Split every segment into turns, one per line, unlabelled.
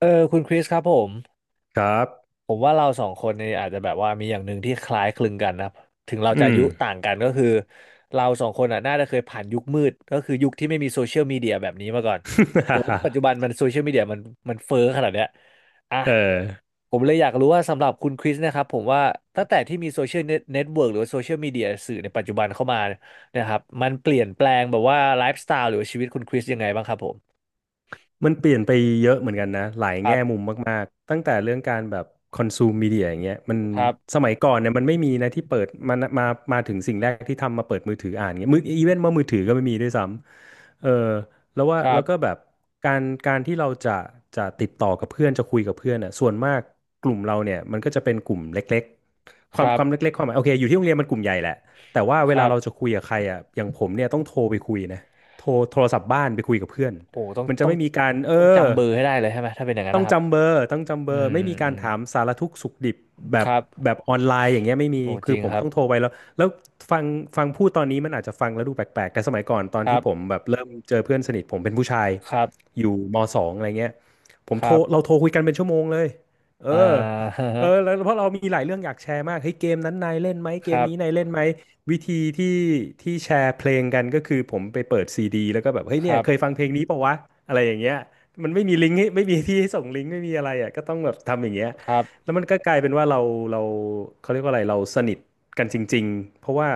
คุณคริสครับผม
ครับ
ผมว่าเราสองคนเนี่ยอาจจะแบบว่ามีอย่างหนึ่งที่คล้ายคลึงกันนะครับถึงเราจะ
อื
อา
ม
ยุต่างกันก็คือเราสองคนอ่ะน่าจะเคยผ่านยุคมืดก็คือยุคที่ไม่มีโซเชียลมีเดียแบบนี้มาก่อนจนปัจ จุบันมันโซเชียลมีเดียมันเฟ้อขนาดเนี้ยอ่ะ
เออ
ผมเลยอยากรู้ว่าสำหรับคุณคริสนะครับผมว่าตั้งแต่ที่มีโซเชียลเน็ตเวิร์กหรือว่าโซเชียลมีเดียสื่อในปัจจุบันเข้ามานะครับมันเปลี่ยนแปลงแบบว่าไลฟ์สไตล์หรือว่าชีวิตคุณคริสยังไงบ้างครับผม
มันเปลี่ยนไปเยอะเหมือนกันนะหลาย
ครั
แง่มุม
บ
มากๆตั้งแต่เรื่องการแบบคอนซูมมีเดียอย่างเงี้ยมัน
ครับ
สมัยก่อนเนี่ยมันไม่มีนะที่เปิดมามาถึงสิ่งแรกที่ทำมาเปิดมือถืออ่านเงี้ยมืออีเวนต์ว่ามือถือก็ไม่มีด้วยซ้ำแล้วว่า
ครั
แล้
บ
วก็แบบการที่เราจะจะติดต่อกับเพื่อนจะคุยกับเพื่อนอ่ะส่วนมากกลุ่มเราเนี่ยมันก็จะเป็นกลุ่มเล็กๆค
ค
วาม
รั
ค
บ
วามเล็กๆความหมายโอเคอยู่ที่โรงเรียนมันกลุ่มใหญ่แหละแต่ว่าเว
ค
ลา
รับ
เราจะคุยกับใครอ่ะอย่างผมเนี่ยต้องโทรไปคุยนะโทรโทรศัพท์บ้านไปคุยกับเพื่อน
โหต้อง
มันจะ
ต้อง
ไม่มีการ
ต้องจำเบอร์ให้ได้เลยใช่ไหม ถ้าเป็นอย่างนั้น
ต้อง
นะครับ
จำเบอร์ต้องจำเบ
อื
อร์
ม
ไม่มี
อื
การ
ม
ถามสารทุกข์สุขดิบแบ
ค
บ
รับ
แบบออนไลน์อย่างเงี้ยไม่มี
โอ้จ
คือ
ริง
ผม
ครับ
ต้องโทรไปแล้วแล้วฟังฟังพูดตอนนี้มันอาจจะฟังแล้วดูแปลกๆแต่สมัยก่อนตอน
ครั
ที่
บ
ผมแบบเริ่มเจอเพื่อนสนิทผมเป็นผู้ชาย
ครับ
อยู่มสองอะไรเงี้ยผม
ค
โทร
รับ
เราโทรคุยกันเป็นชั่วโมงเลยเอ
อ่า
อเออ แล้วเพราะเรามีหลายเรื่องอยากแชร์มากเฮ้ยเกมนั้นนายเล่นไหมเก
ค
ม
รับ
นี้นายเล่นไหม วิธีที่ที่แชร์เพลงกันก็คือผมไปเปิดซีดีแล้วก็แบบเฮ้ย
ค
เนี่ย
รับ
เคยฟังเพลงนี้ปะวะอะไรอย่างเงี้ยมันไม่มีลิงก์ให้ไม่มีที่ให้ส่งลิงก์ไม่มีอะไรอ่ะก็ต้องแบบทำอย่างเงี้ย
ครับ
แล้วมันก็กลายเป็นว่าเราเขาเรียกว่าอะไรเราสนิทกันจริงๆเพราะว่า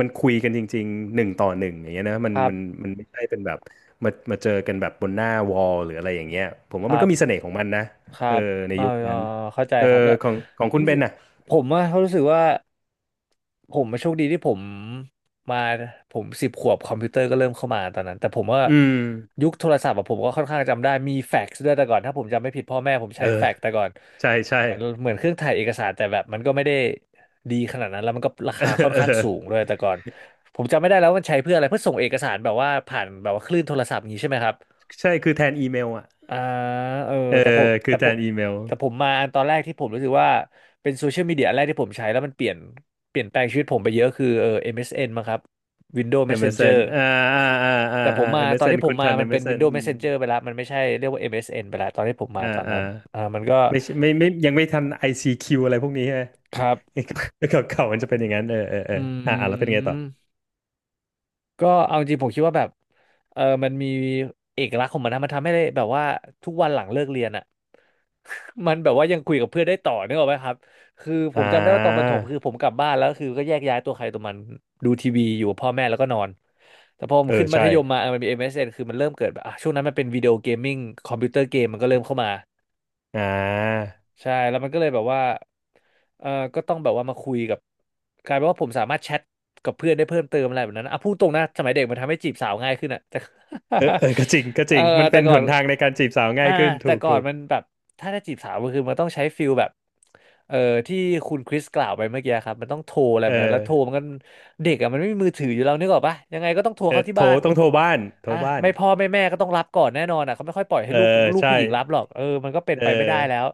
มันคุยกันจริงๆหนึ่งต่อหนึ่งอย่างเงี้ยนะมั
ค
น
รับ
มันมันไม่ใช่เป็นแบบมาเจอกันแบบบนหน้าวอลหรืออะไรอย่างเงี้ยผม
ค
ว่ามัน
รั
ก็
บ
มีเสน่ห์ของมันนะ
ครั
เออ
บ
ใน
เออ
ยุค
เอ
นั้
อ
น
เข้าใจ
เออ
ครับแล้ว
ของของคุณ
รู้
เบ
สึ
น
ก
น่ะ
ผมว่าเขารู้สึกว่าผมมาโชคดีที่มาผมสิบขวบคอมพิวเตอร์ก็เริ่มเข้ามาตอนนั้นแต่ผมว่า
อืม
ยุคโทรศัพท์อะผมก็ค่อนข้างจำได้มีแฟกซ์ด้วยแต่ก่อนถ้าผมจำไม่ผิดพ่อแม่ผม
เอ
ใช้
อ
แฟกซ์แต่ก่อน
ใช่ใช่
เหมือนเครื่องถ่ายเอกสารแต่แบบมันก็ไม่ได้ดีขนาดนั้นแล้วมันก็รา
เออ
คาค่อน
เอ
ข้าง
อ
สูงด้วยแต่ก่อนผมจำไม่ได้แล้วมันใช้เพื่ออะไรเพื่อส่งเอกสารแบบว่าผ่านแบบว่าคลื่นโทรศัพท์อย่างนี้ใช่ไหมครับ
ใช่คือแทนอีเมลอ่ะ
อ่าเออ
เออ
แต่ผม
คือ
แต่
แท
ผม
นอีเมล
แต่ผมมาอันตอนแรกที่ผมรู้สึกว่า เป็นโซเชียลมีเดียอันแรกที่ผมใช้แล้วมันเปลี่ยนแปลงชีวิตผมไปเยอะคือMSN มเอสเอ็นมั้งครับ Windows Messenger
MSN อมเอสเอ็น
แต่ผ
อ่า
มมา
m
ตอ
s
น
น
ที่ผ
คุ
ม
ณ
มา
ทัน m
มัน
ม n
เป็
อ
น
สเอ็น
Windows
อืม
Messenger ไปแล้วมันไม่ใช่เรียกว่า MSN ไปแล้วตอนที่ผมมา
อ่า
ตอน
อ่า
นั้นมันก็
ไม่ใช่ไม่ไม่ยังไม่ทัน ICQ อซีคิวอะไรพวกนี้ใช่ไหม
ครับ
เก่าเก่ามันจะเป็นอย่างนั้น
อื
แล้วเป็นไงต่อ
ม ก็เอาจริงผมคิดว่าแบบมันมีเอกลักษณ์ของมันนะมันทำให้ได้แบบว่าทุกวันหลังเลิกเรียนอ่ะ มันแบบว่ายังคุยกับเพื่อนได้ต่อนึกออกไหมครับคือผ
อ่
มจำได้ว่าตอนประถ
า
มคือผมกลับบ้านแล้วคือก็แยกย้ายตัวใครตัวมันดูทีวีอยู่กับพ่อแม่แล้วก็นอนแต่พอผ
เอ
ม
อ
ขึ้นมั
ใช่
ธยมมามันมี MSN คือมันเริ่มเกิดแบบอ่ะช่วงนั้นมันเป็นวิดีโอเกมมิ่งคอมพิวเตอร์เกมมันก็เริ่มเข้ามา
อ่า
ใช่แล้วมันก็เลยแบบว่าเออก็ต้องแบบว่ามาคุยกับกลายเป็นว่าผมสามารถแชทกับเพื่อนได้เพิ่มเติมอะไรแบบนั้นนะอ่ะพูดตรงนะสมัยเด็กมันทำให้จีบสาวง่ายขึ้นอ่ะ แต่
เออเออก็จริงก็ จ
เอ
ริ
อ
งมัน
แต่
เป็น
ก่
ห
อน
นทางในการจีบสาวง่า
อ่า
ยขึ้นถูกถูก
มันแบบถ้าจะจีบสาวมันคือมันต้องใช้ฟิลแบบเออที่คุณคริสกล่าวไปเมื่อกี้ครับมันต้องโทรอะไร
เอ
แบ
อ
บนั้นแล้วโทรมันก็เด็กอ่ะมันไม่มีมือถืออยู่แล้วนึกออกปะยังไงก็ต้องโทรเข้าที่
โทร
บ้าน
ต้องโทรบ้านโทร
อ่ะ
บ้าน
ไม่พ่อไม่แม่ก็ต้องรับก่อนแน่นอนอ่ะเขาไม่ค่อยปล่อยให้
เออ
ลูก
ใช่
ผู้หญิงรับหรอกมันก็เป็น
เออ
ไปไม่ได้แล้ว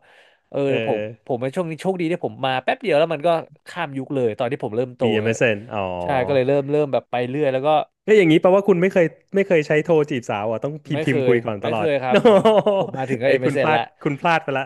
เออ
เอ
ผมผ
อ
มในช่วงนี้โชคดีที่ผมมาแป๊บเดียวแล้วมันก็ข้ามยุคเลยตอนที่ผมเริ่มโต
มี m
นะ
s นอ๋อ
ใช่ก็เลยเริ่มแบบไปเรื่อยแล้วก็
ก็อย่างนี้แปลว่าคุณไม่เคยไม่เคยใช้โทรจีบสาวอ่ะต้องพิม
ไม่
พ์พิ
เค
มพ์
ย
คุยก่อนต
ไม่
ลอ
เค
ด
ยค รั
โน
บผมผมมาถึงก็
เฮ้ยคุณพ
MSN
ลาด
ละ
คุณพลาดไปละ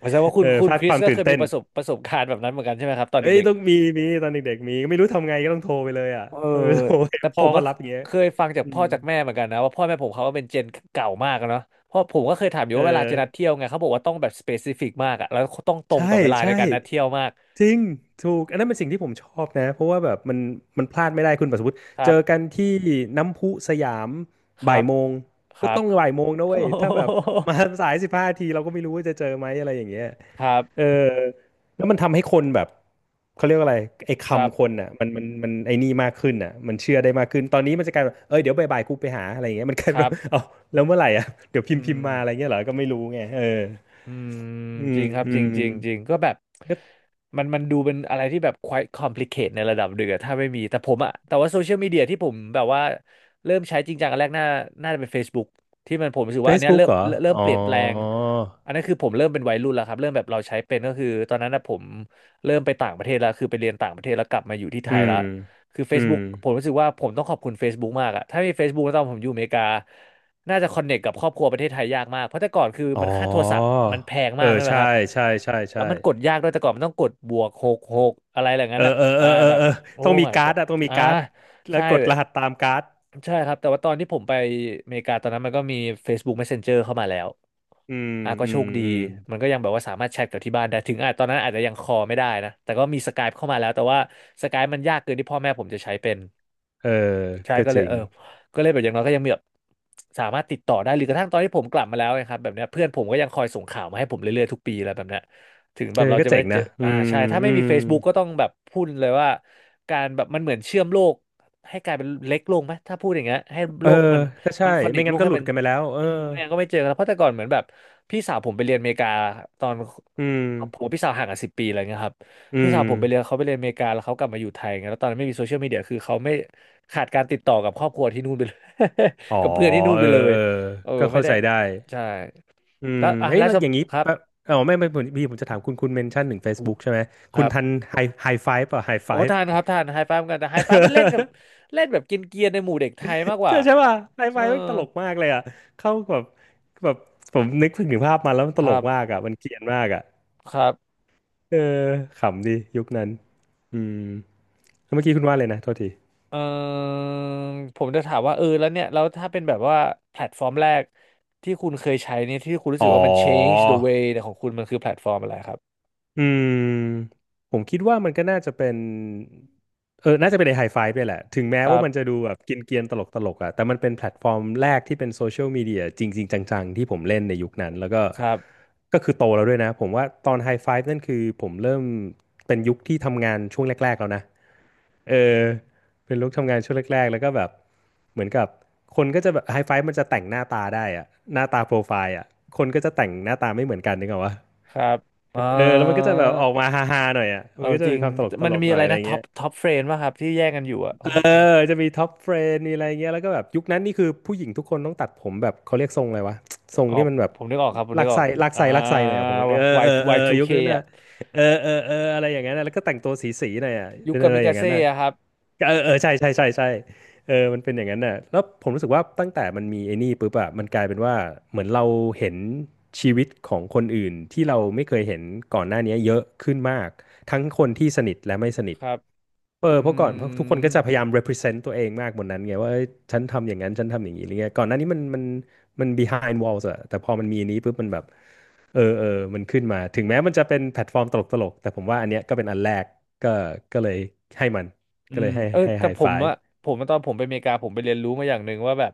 แสดงว่า คุ
เอ
ณ
อ
คุ
พ
ณ
ลาด
คริ
ค
ส
วาม
ก็
ตื่
เค
น
ย
เต้
มี
น
ประสบการณ์แบบนั้นเหมือนกันใช่ไหมครับตอน
เอ้ย
เด็ก
ต้องมีมีตอนเด็กๆมีไม่รู้ทำไงก็ต้องโทรไปเลยอ่ะ
ๆ
ก็ไม่รู้โทรไป
แต่ ผ
พ่อ
มก็
เขารับอย่างเงี้ย
เคยฟังจาก
อื
พ่อ
ม
จากแม่เหมือนกันนะว่าพ่อแม่ผมเขาก็เป็นเจนเก่ามากอะเนาะเพราะผมก็เคยถามอยู่
เออ
ว่าเวลาจะนัดเที่ยวไงเขาบอกว่าต้องแบบสเปซิฟิกมากอะแล้วต้องตรง
ใช่
ต่อเวลา
ใช่
ในการนัดเที่ยวมาก
จริงถูกอันนั้นเป็นสิ่งที่ผมชอบนะเพราะว่าแบบมันมันพลาดไม่ได้คุณปัสวุฒิ
ค
เจ
รั
อกัน
บ
ที่น้ำพุสยาม
ค
บ่า
รั
ย
บ
โมง
ค
ก็
รั
ต้
บ
องบ่ายโมงนะเว้ยถ้าแบบมาสายสิบห้าทีเราก็ไม่รู้ว่าจะเจอไหมอะไรอย่างเงี้ย
ครั
เออ
บ
แล้วมันทำให้คนแบบเขาเรียกว่าอะไรไอ้
ครั
คำคน
บ
อ่ะมันมันไอ้นี่มากขึ้นอ่ะมันเชื่อได้มากขึ้นตอนนี้มันจะกลายเป็นเอ้ยเดี๋ยวบ่ายๆกูไปหาอะไรอย่างเงี้ยมันกลาย
ค
เป็น
รั
ว่า
บ
เอาแล้วเมื่อไหร่อ่ะเดี๋ยวพิ
อื
มพ์พิมพ์
ม
มาอะไรเงี้ยเหรอก็ไม่รู้ไงเออ
อืม
อื
จ
ม
ริงครับ
อื
จริง
ม
จริงจริงก็แบบ
ก็
มันดูเป็นอะไรที่แบบ quite complicate ในระดับหนึ่งอะถ้าไม่มีแต่ผมอะแต่ว่าโซเชียลมีเดียที่ผมแบบว่าเริ่มใช้จริงจังอันแรกน่าจะเป็น Facebook ที่มันผมรู้สึกว่าอันเนี้ย
Facebook
เริ่ม
เหรอ
เริ่มเริ่ม
อ๋อ
เปลี่ยนแปลงอันนั้นคือผมเริ่มเป็นวัยรุ่นแล้วครับเริ่มแบบเราใช้เป็นก็คือตอนนั้นนะผมเริ่มไปต่างประเทศแล้วคือไปเรียนต่างประเทศแล้วกลับมาอยู่ที่ไท
อื
ย
ม
แล้วคือ
อืม
Facebook ผมรู้สึกว่าผมต้องขอบคุณ Facebook มากอะถ้าไม่มี Facebook ตอนผมอยู่อเมริกา น่าจะคอนเน c t กับครอบครัวประเทศไทยยากมาก เพราะแต่ก่อนคือ
อ๋อ
ค่าโทรศัพท์มันแพง
เออ
มากด้วย
ใช่
ครับ
ใช่ใช่
แล้
ใช่
วมันกดยากด้วยแต่ก่อนมันต้องกด+66อะไรอย่าง
เอ
นั้
อ
นแบบ
เออเออเออ
แบบ
เออ
โอ้
ต้องมี
my
การ์ด
god
อะต้องมี
อ่า
การ์ดแล้ว
ใช่
กด
เล
ร
ย
หัสตามการ์ด
ใช่ครับ แต่ว่าตอนที่ผมไปอเมริกาตอนนั้นมันก็มี Facebook Messenger เข้ามาแล้ว
อืม
อ่ะก็
อื
โช
ม
คดี
อืม
มันก็ยังแบบว่าสามารถแชทกับที่บ้านได้ถึงอ่ะตอนนั้นอาจจะยังคอไม่ได้นะแต่ก็มีสกายเข้ามาแล้วแต่ว่าสกายมันยากเกินที่พ่อแม่ผมจะใช้เป็น
เออ
ใช่
ก็
ก็
จ
เลย
ริง
เออก็เลยแบบอย่างน้อยก็ยังมีแบบสามารถติดต่อได้หรือกระทั่งตอนที่ผมกลับมาแล้วนครับแบบเนี้ยเพื่อนผมก็ยังคอยส่งข่าวมาให้ผมเรื่อยๆทุกปีแล้วแบบเนี้ยถึงแบ
เออ
บเรา
ก็
จะไม่
เจ๋ง
ได้เจ
นะ
อ
อื
อ่า
ม
ใช่ถ้าไม่
อื
มี
ม
Facebook ก็ต้องแบบพูดเลยว่าการแบบมันเหมือนเชื่อมโลกให้กลายเป็นเล็กลงไหมถ้าพูดอย่างเงี้ยให้
เอ
โล
อ
กมัน
ก็ใช่
มันคอนเน
ไม่
คโล
งั้น
ก
ก็ห
ให้
ลุด
มัน
กันไปแล้วเออ
อืมเนี่ยก็ไม่เจอกันแล้วเพราะแต่ก่อนเหมือนแบบพี่สาวผมไปเรียนอเมริกาตอนผม
อืม
กับพี่สาวห่างกัน10 ปีอะไรเงี้ยครับ
อื
พี่สาวผมไปเรียน
ม
เขาไปเรียนอเมริกาแล้วเขากลับมาอยู่ไทยไงแล้วตอนนั้นไม่มีโซเชียลมีเดียคือเขาไม่ขาดการติดต่อกับครอบครัวที่นู่นไปเลย
อ๋อ
กับเพื่อนที่นู่น
เอ
ไป
อ
เลย
เออ
เออ
ก็
ไม่
เข้า
ได้
ใจได้
ใช่
อืม
แล้วอ่ะ
เฮ้ย
แล้ว
แล้วอย่างนี้
สำครับ
แปะอ๋อไม่ไม่ผมพี่ผมจะถามคุณคุณเมนชั่นถึง Facebook ใช่ไหม
ค
คุณ
รับ
ทันไฮไฮไฟฟ์ป่ะไฮไฟ
โอ้
ฟ์
ทานครับทานไฮไฟว์กันแต่ไฮไฟว์มันเล่นกับเล่นแบบกินเกียนๆในหมู่เด็กไทยมากก
ใช่
ว่า
ใช่ป่ะไฮ
เอ
ไฟ
อ
ฟ์มันตลกมากเลยอ่ะเข้าแบบแบบผมนึกถึงภาพมาแล้วมันต
ค
ล
รั
กมาก
บ
อ่ะมันเกรียนมากอ่ะ
ครับ
เออขำดียุคนั้นอืม เมื่อกี้คุณว่าเลยนะโทษที
เออผมจะถามว่าเออแล้วเนี่ยแล้วถ้าเป็นแบบว่าแพลตฟอร์มแรกที่คุณเคยใช้เนี่ยที่คุณรู้สึก
อ๋อ
ว่ามัน change the way ของคุณมันคือแพลตฟอร์มอะไรครับ
อืม ผมคิดว่ามันก็น่าจะเป็นน่าจะเป็นไอไฮไฟว์ด้วยแหละ ถึงแม้
ครั
ว่า
บ
มันจะดูแบบกินเกรียนๆตลกตลกอะแต่มันเป็นแพลตฟอร์มแรกที่เป็นโซเชียลมีเดียจริงๆจังๆที่ผมเล่นในยุคนั้น แล้วก็
ครับ
ก็คือโตแล้วด้วยนะ ผมว่าตอนไฮไฟว์นั่นคือผมเริ่มเป็นยุคที่ทำงานช่วงแรกๆแล้วนะ เออเป็นลุคทำงานช่วงแรกๆแล้วก็แบบเหมือนกับคนก็จะแบบไฮไฟมันจะแต่งหน้าตาได้อะหน้าตาโปรไฟล์อะคนก็จะแต่งหน้าตาไม่เหมือนกันนึกออกปะ
ครับอ่า
เออแล้วมันก็จะแบบออกมาฮาๆหน่อยอะ
เอ
มั
อ
นก็จะ
จริ
มี
ง
ความตลกต
มัน
ลก
มี
หน่อ
อะ
ย
ไร
อะไร
นะท็อ
เงี้
ป
ย
ท็อปเฟรนป่ะครับ ที่แย่งกันอยู่อะโอ้
เออจะมีท็อปเฟรนมีอะไรเงี้ยแล้วก็แบบยุคนั้นนี่คือผู้หญิงทุกคนต้องตัดผมแบบเขาเรียกทรงอะไรวะทรง
ออ
ที่
ก
มันแบบ
ผมนึกออกครับ ผมนึ
ลัก
กออ
ไส้
ก
ลัก
อ่า
ไส้ลักไส้หน่อยอะผมเอ
Y
อเออเออยุคนั้น
Y2K
น่ะ
อะ
เออเออเอออะไรอย่างนั้นน่ะแล้วก็แต่งตัวสีๆหน่อยอะ
ยุค
เป็น
กา
อะไร
มิ
อ
กา
ย่างนั้น
เซ่
น่ะ
อะครับ
เออเออใช่ใช่ใช่ใช่เออมันเป็นอย่างนั้นน่ะแล้วผมรู้สึกว่าตั้งแต่มันมีไอ้นี่ปุ๊บอะมันกลายเป็นว่าเหมือนเราเห็นชีวิตของคนอื่นที่เราไม่เคยเห็นก่อนหน้านี้เยอะขึ้นมากทั้งคนที่สนิทและไม่สนิท
ครับ
เออ
อื
เพราะก่อนเพราะทุกคน
ม
ก็จะพยายาม represent ตัวเองมากบนนั้นไงว่าเอ้ยฉันทำอย่างนั้นฉันทำอย่างนี้อะไรเงี้ยก่อนหน้านี้มัน behind walls อะแต่พอมันมีอันนี้ปุ๊บมันแบบเออเออมันขึ้นมาถึงแม้มันจะเป็นแพลตฟอร์มตลกๆแต่ผมว่าอันเนี้ยก็เป็นอันแรกก็ก็เลยให้มัน
อื
ก็เล
ม
ยให้
เออ
ให้
แต่
high
ผม
five
อะ ผมตอนผมไปอเมริกาผมไปเรียนรู้มาอย่างหนึ่งว่าแบบ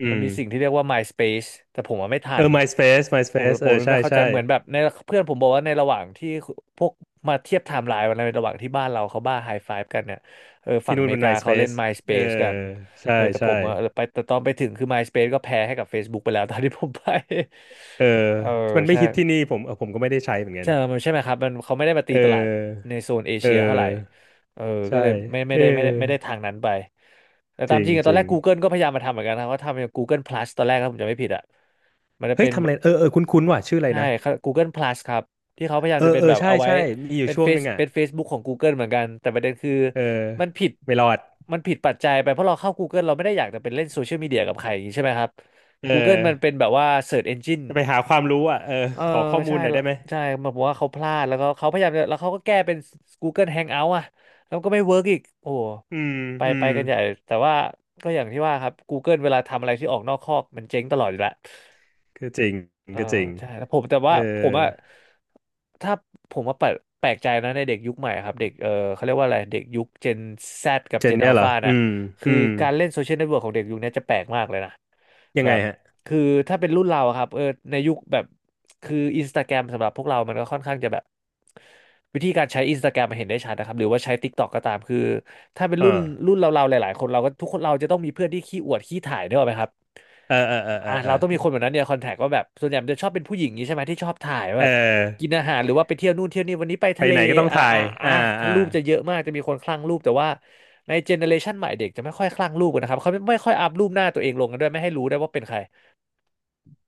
อื
มัน
ม
มีสิ่งที่เรียกว่า MySpace แต่ผมอะไม่ทั
เอ
น
อ MySpace
ผม
MySpace
ผ
เอ
ม
อใช่
ไม่เข้าใจ
ใช่
เหมือนแบบในเพื่อนผมบอกว่าในระหว่างที่พวกมาเทียบไทม์ไลน์วันนั้นในระหว่างที่บ้านเราเขาบ้าไฮไฟฟ์กันเนี่ยเออฝั่
ที่
งอ
นู่น
เม
เป็
ริ
น
กาเขาเล่น
MySpace เออ
MySpace กัน
ใช่
เออแต่ผ
ใช่
มอะเออไปแต่ตอนไปถึงคือ MySpace ก็แพ้ให้กับ Facebook ไปแล้ว ตอนที่ผมไป
เออ
เออ
มันไม่
ใช่
ฮิตที่นี่ผมเออผมก็ไม่ได้ใช้เหมือนกัน
ใช่มันใช่ไหมครับมันเขาไม่ได้มาตี
เ
ตลาด
ออ
ในโซนเอ
เออ
เชียเท่าไหร่เออก็
ใช่
เลยไม่ไม่
เออ
ได้ไม่ได้ไม่ได้ทางนั้นไป แต่
จ
ตาม
ริง
จริงอะต
จ
อน
ริ
แร
ง
ก Google ก็พยายามมาทำเหมือนกันนะเขาทำอย่าง Google Plus ตอนแรกถ้าผมจำไม่ผิดอะมันจะ
เฮ้
เป็
ย
น
ทำ
แบ
อะไร
บ
เออเออคุ้นคุ้นว่ะชื่ออะไร
ใช่
นะ
ครับ Google Plus ครับ ที่เขาพยายา
เอ
ม
อ
จะเป็
เอ
น
อ
แบบ
ใช่
เอาไว้
ใช่มีอยู่
เป็น
ช่ว
เฟ
งห
ซ
นึ่งอ่ะ
เป็น Facebook ของ Google เหมือนกัน แต่ประเด็นคือ
เออ
มันผิด
ไม่รอด
ปัจจัยไป เพราะเราเข้า Google เราไม่ได้อยากจะเป็นเล่นโซเชียลมีเดียกับใครอย่างนี้ใช่ไหมครับ
เออ
Google มันเป็นแบบว่า Search Engine
จะไปหาความรู้อ่ะเออ
เออ
ขอข้อมู
ใช่
ลหน่อย
แล้
ได้
ว
ไหม
ใช่แบบว่าเขาพลาดแล้วก็เขาพยายามจะแล้วเขาก็แก้เป็น Google Hangout อ่ะแล้วก็ไม่เวิร์กอีกโอ้โห
อืม
ไป
อื
ไป
ม
กันใหญ่แต่ว่าก็อย่างที่ว่าครับ Google เวลาทำอะไรที่ออกนอกคอกมันเจ๊งตลอดอยู่แล้ว
ก็จริง
เออ
ก็จริง
ใช่แล้วผมแต่
เอ
ว่า
อ
ผมอะถ้าผมว่าแปลกแปลกใจนะในเด็กยุคใหม่ครับเด็กเออเขาเรียกว่าอะไรเด็กยุค Gen Z กับ
เจน
Gen
เนี่ยเหรอ
Alpha
อื
น่ะ
ม
คื
อื
อ
ม
การเล่นโซเชียลเน็ตเวิร์กของเด็กยุคนี้จะแปลกมากเลยนะ
ยัง
แบ
ไง
บ
ฮะ
คือถ้าเป็นรุ่นเราอะครับเออในยุคแบบ คืออินสตาแกรมสำหรับพวกเรา มันก็ค่อนข้างจะแบบวิธีการใช้อินสตาแกรมมันเห็นได้ชัดนะครับ หรือว่าใช้ TikTok ก็ตามคือถ้าเป็น
เออ
รุ่นเราๆหลายๆคนเราก็ทุกคนเราจะต้องมีเพื่อนที่ขี้อวดขี้ถ่ายเนี่ยหรอกไหมครับ
เออเออเออเอ
อ่ะ
อเออ
เราต้องมีคนแบบนั้นเนี่ยคอนแทคว่าแบบส่วนใหญ่มันจะชอบเป็นผู้หญิงนี้ใช่ไหมที่ชอบถ่ายว่า
เออ
แบบกินอาหารหรือว่าไปเที่ยวนู่นเที่ยวนี่วันนี้ไป
ไป
ทะเล
ไหนก็ต้อง
อะไร
ถ่าย
อ่ะ
อ่า
ถ้า
อ่า
รูปจะเยอะมากจะมีคนคลั่งรูปแต่ว่าในเจเนอเรชันใหม่เด็กจะไม่ค่อยคลั่งรูปกันนะครับเขาไม่ค่อยอัพรูปหน้าตัวเองลงกันด้วยไม่ให้รู้ได้วยว่าเป็นใคร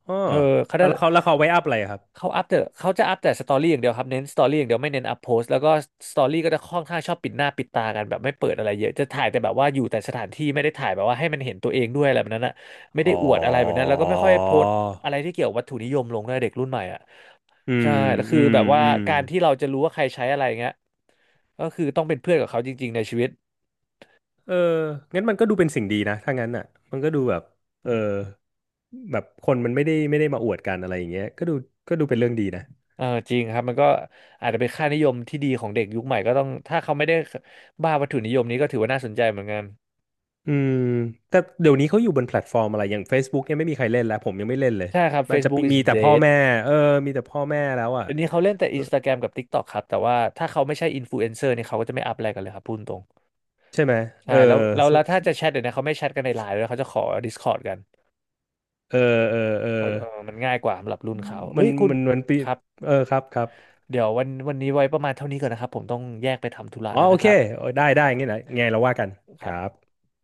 อ๋อ
เออเขาได้
เอาแล้วเขาแล้วเขาไว้อัพอะไรอะครับ
เขาอัพแต่เขาจะอัพแต่สตอรี่อย่างเดียวครับเน้นสตอรี่อย่างเดียวไม่เน้นอัพโพสต์แล้วก็สตอรี่ก็จะค่อนข้างชอบปิดหน้าปิดตากันแบบไม่เปิดอะไรเยอะจะถ่ายแต่แบบว่าอยู่แต่สถานที่ไม่ได้ถ่ายแบบว่าให้มันเห็นตัวเองด้วยอะไรแบบนั้นอะไม่ได้
อ๋อ
อวดอะไรแบบนั้นแล้วก็ไม่ค่อยโพสต์อะไรที่เกี่ยวกับวัตถุนิยมลงด้วยเด็กรุ่นใหม่อ่ะ
อื
ใช่
ม
แล้วคื
อื
อ
ม
แบบว่า
อืม
การที่เราจะรู้ว่าใครใช้อะไรเงี้ยก็คือต้องเป็นเพื่อนกับเขาจริงๆในชีวิต
เอองั้นมันก็ดูเป็นสิ่งดีนะถ้างั้นอ่ะมันก็ดูแบบเออแบบคนมันไม่ได้มาอวดกันอะไรอย่างเงี้ยก็ดูเป็นเรื่องดีนะ
เออจริงครับมันก็อาจจะเป็นค่านิยมที่ดีของเด็กยุคใหม่ก็ต้องถ้าเขาไม่ได้บ้าวัตถุนิยมนี้ก็ถือว่าน่าสนใจเหมือนกัน
อืมแต่เดี๋ยวนี้เขาอยู่บนแพลตฟอร์มอะไรอย่าง Facebook เนี่ยไม่มีใครเล่นแล้วผมยังไม่เล่นเลย
ใช่ครับ
มันจะ
Facebook is
มีแต่พ่อ
dead
แม่เออมีแต่พ่อแม่แล้วอ่ะ
อันนี้เขาเล่นแต่ Instagram กับ TikTok ครับ แต่ว่าถ้าเขาไม่ใช่อินฟลูเอนเซอร์เนี่ยเขาก็จะไม่อัพอะไรกันเลยครับพูดตรง
ใช่ไหมเอ
ใช่
อ
แล้วแล้ว
สุ
แล้วถ้า
สุ
จะแชทเดี๋ยวนี้เขาไม่แชทกันในไลน์ด้วยเขาจะขอ Discord กัน
เออเออเออ
เพราะมันง่ายกว่าสำหรับรุ่นเขา
มั
เอ้
น
ยคุณ
มันมันปี
ครับ
เออครับครับ
เดี๋ยววันนี้ไว้ประมาณเท่านี้ก่อนนะครับผมต้องแยกไปทำธุระ
อ๋อ
แล้ว
โอ
นะค
เค
รับ
โอ้ยได้ ได้งี้นะไงเราว่ากัน
ค
ค
รั
รับ
บ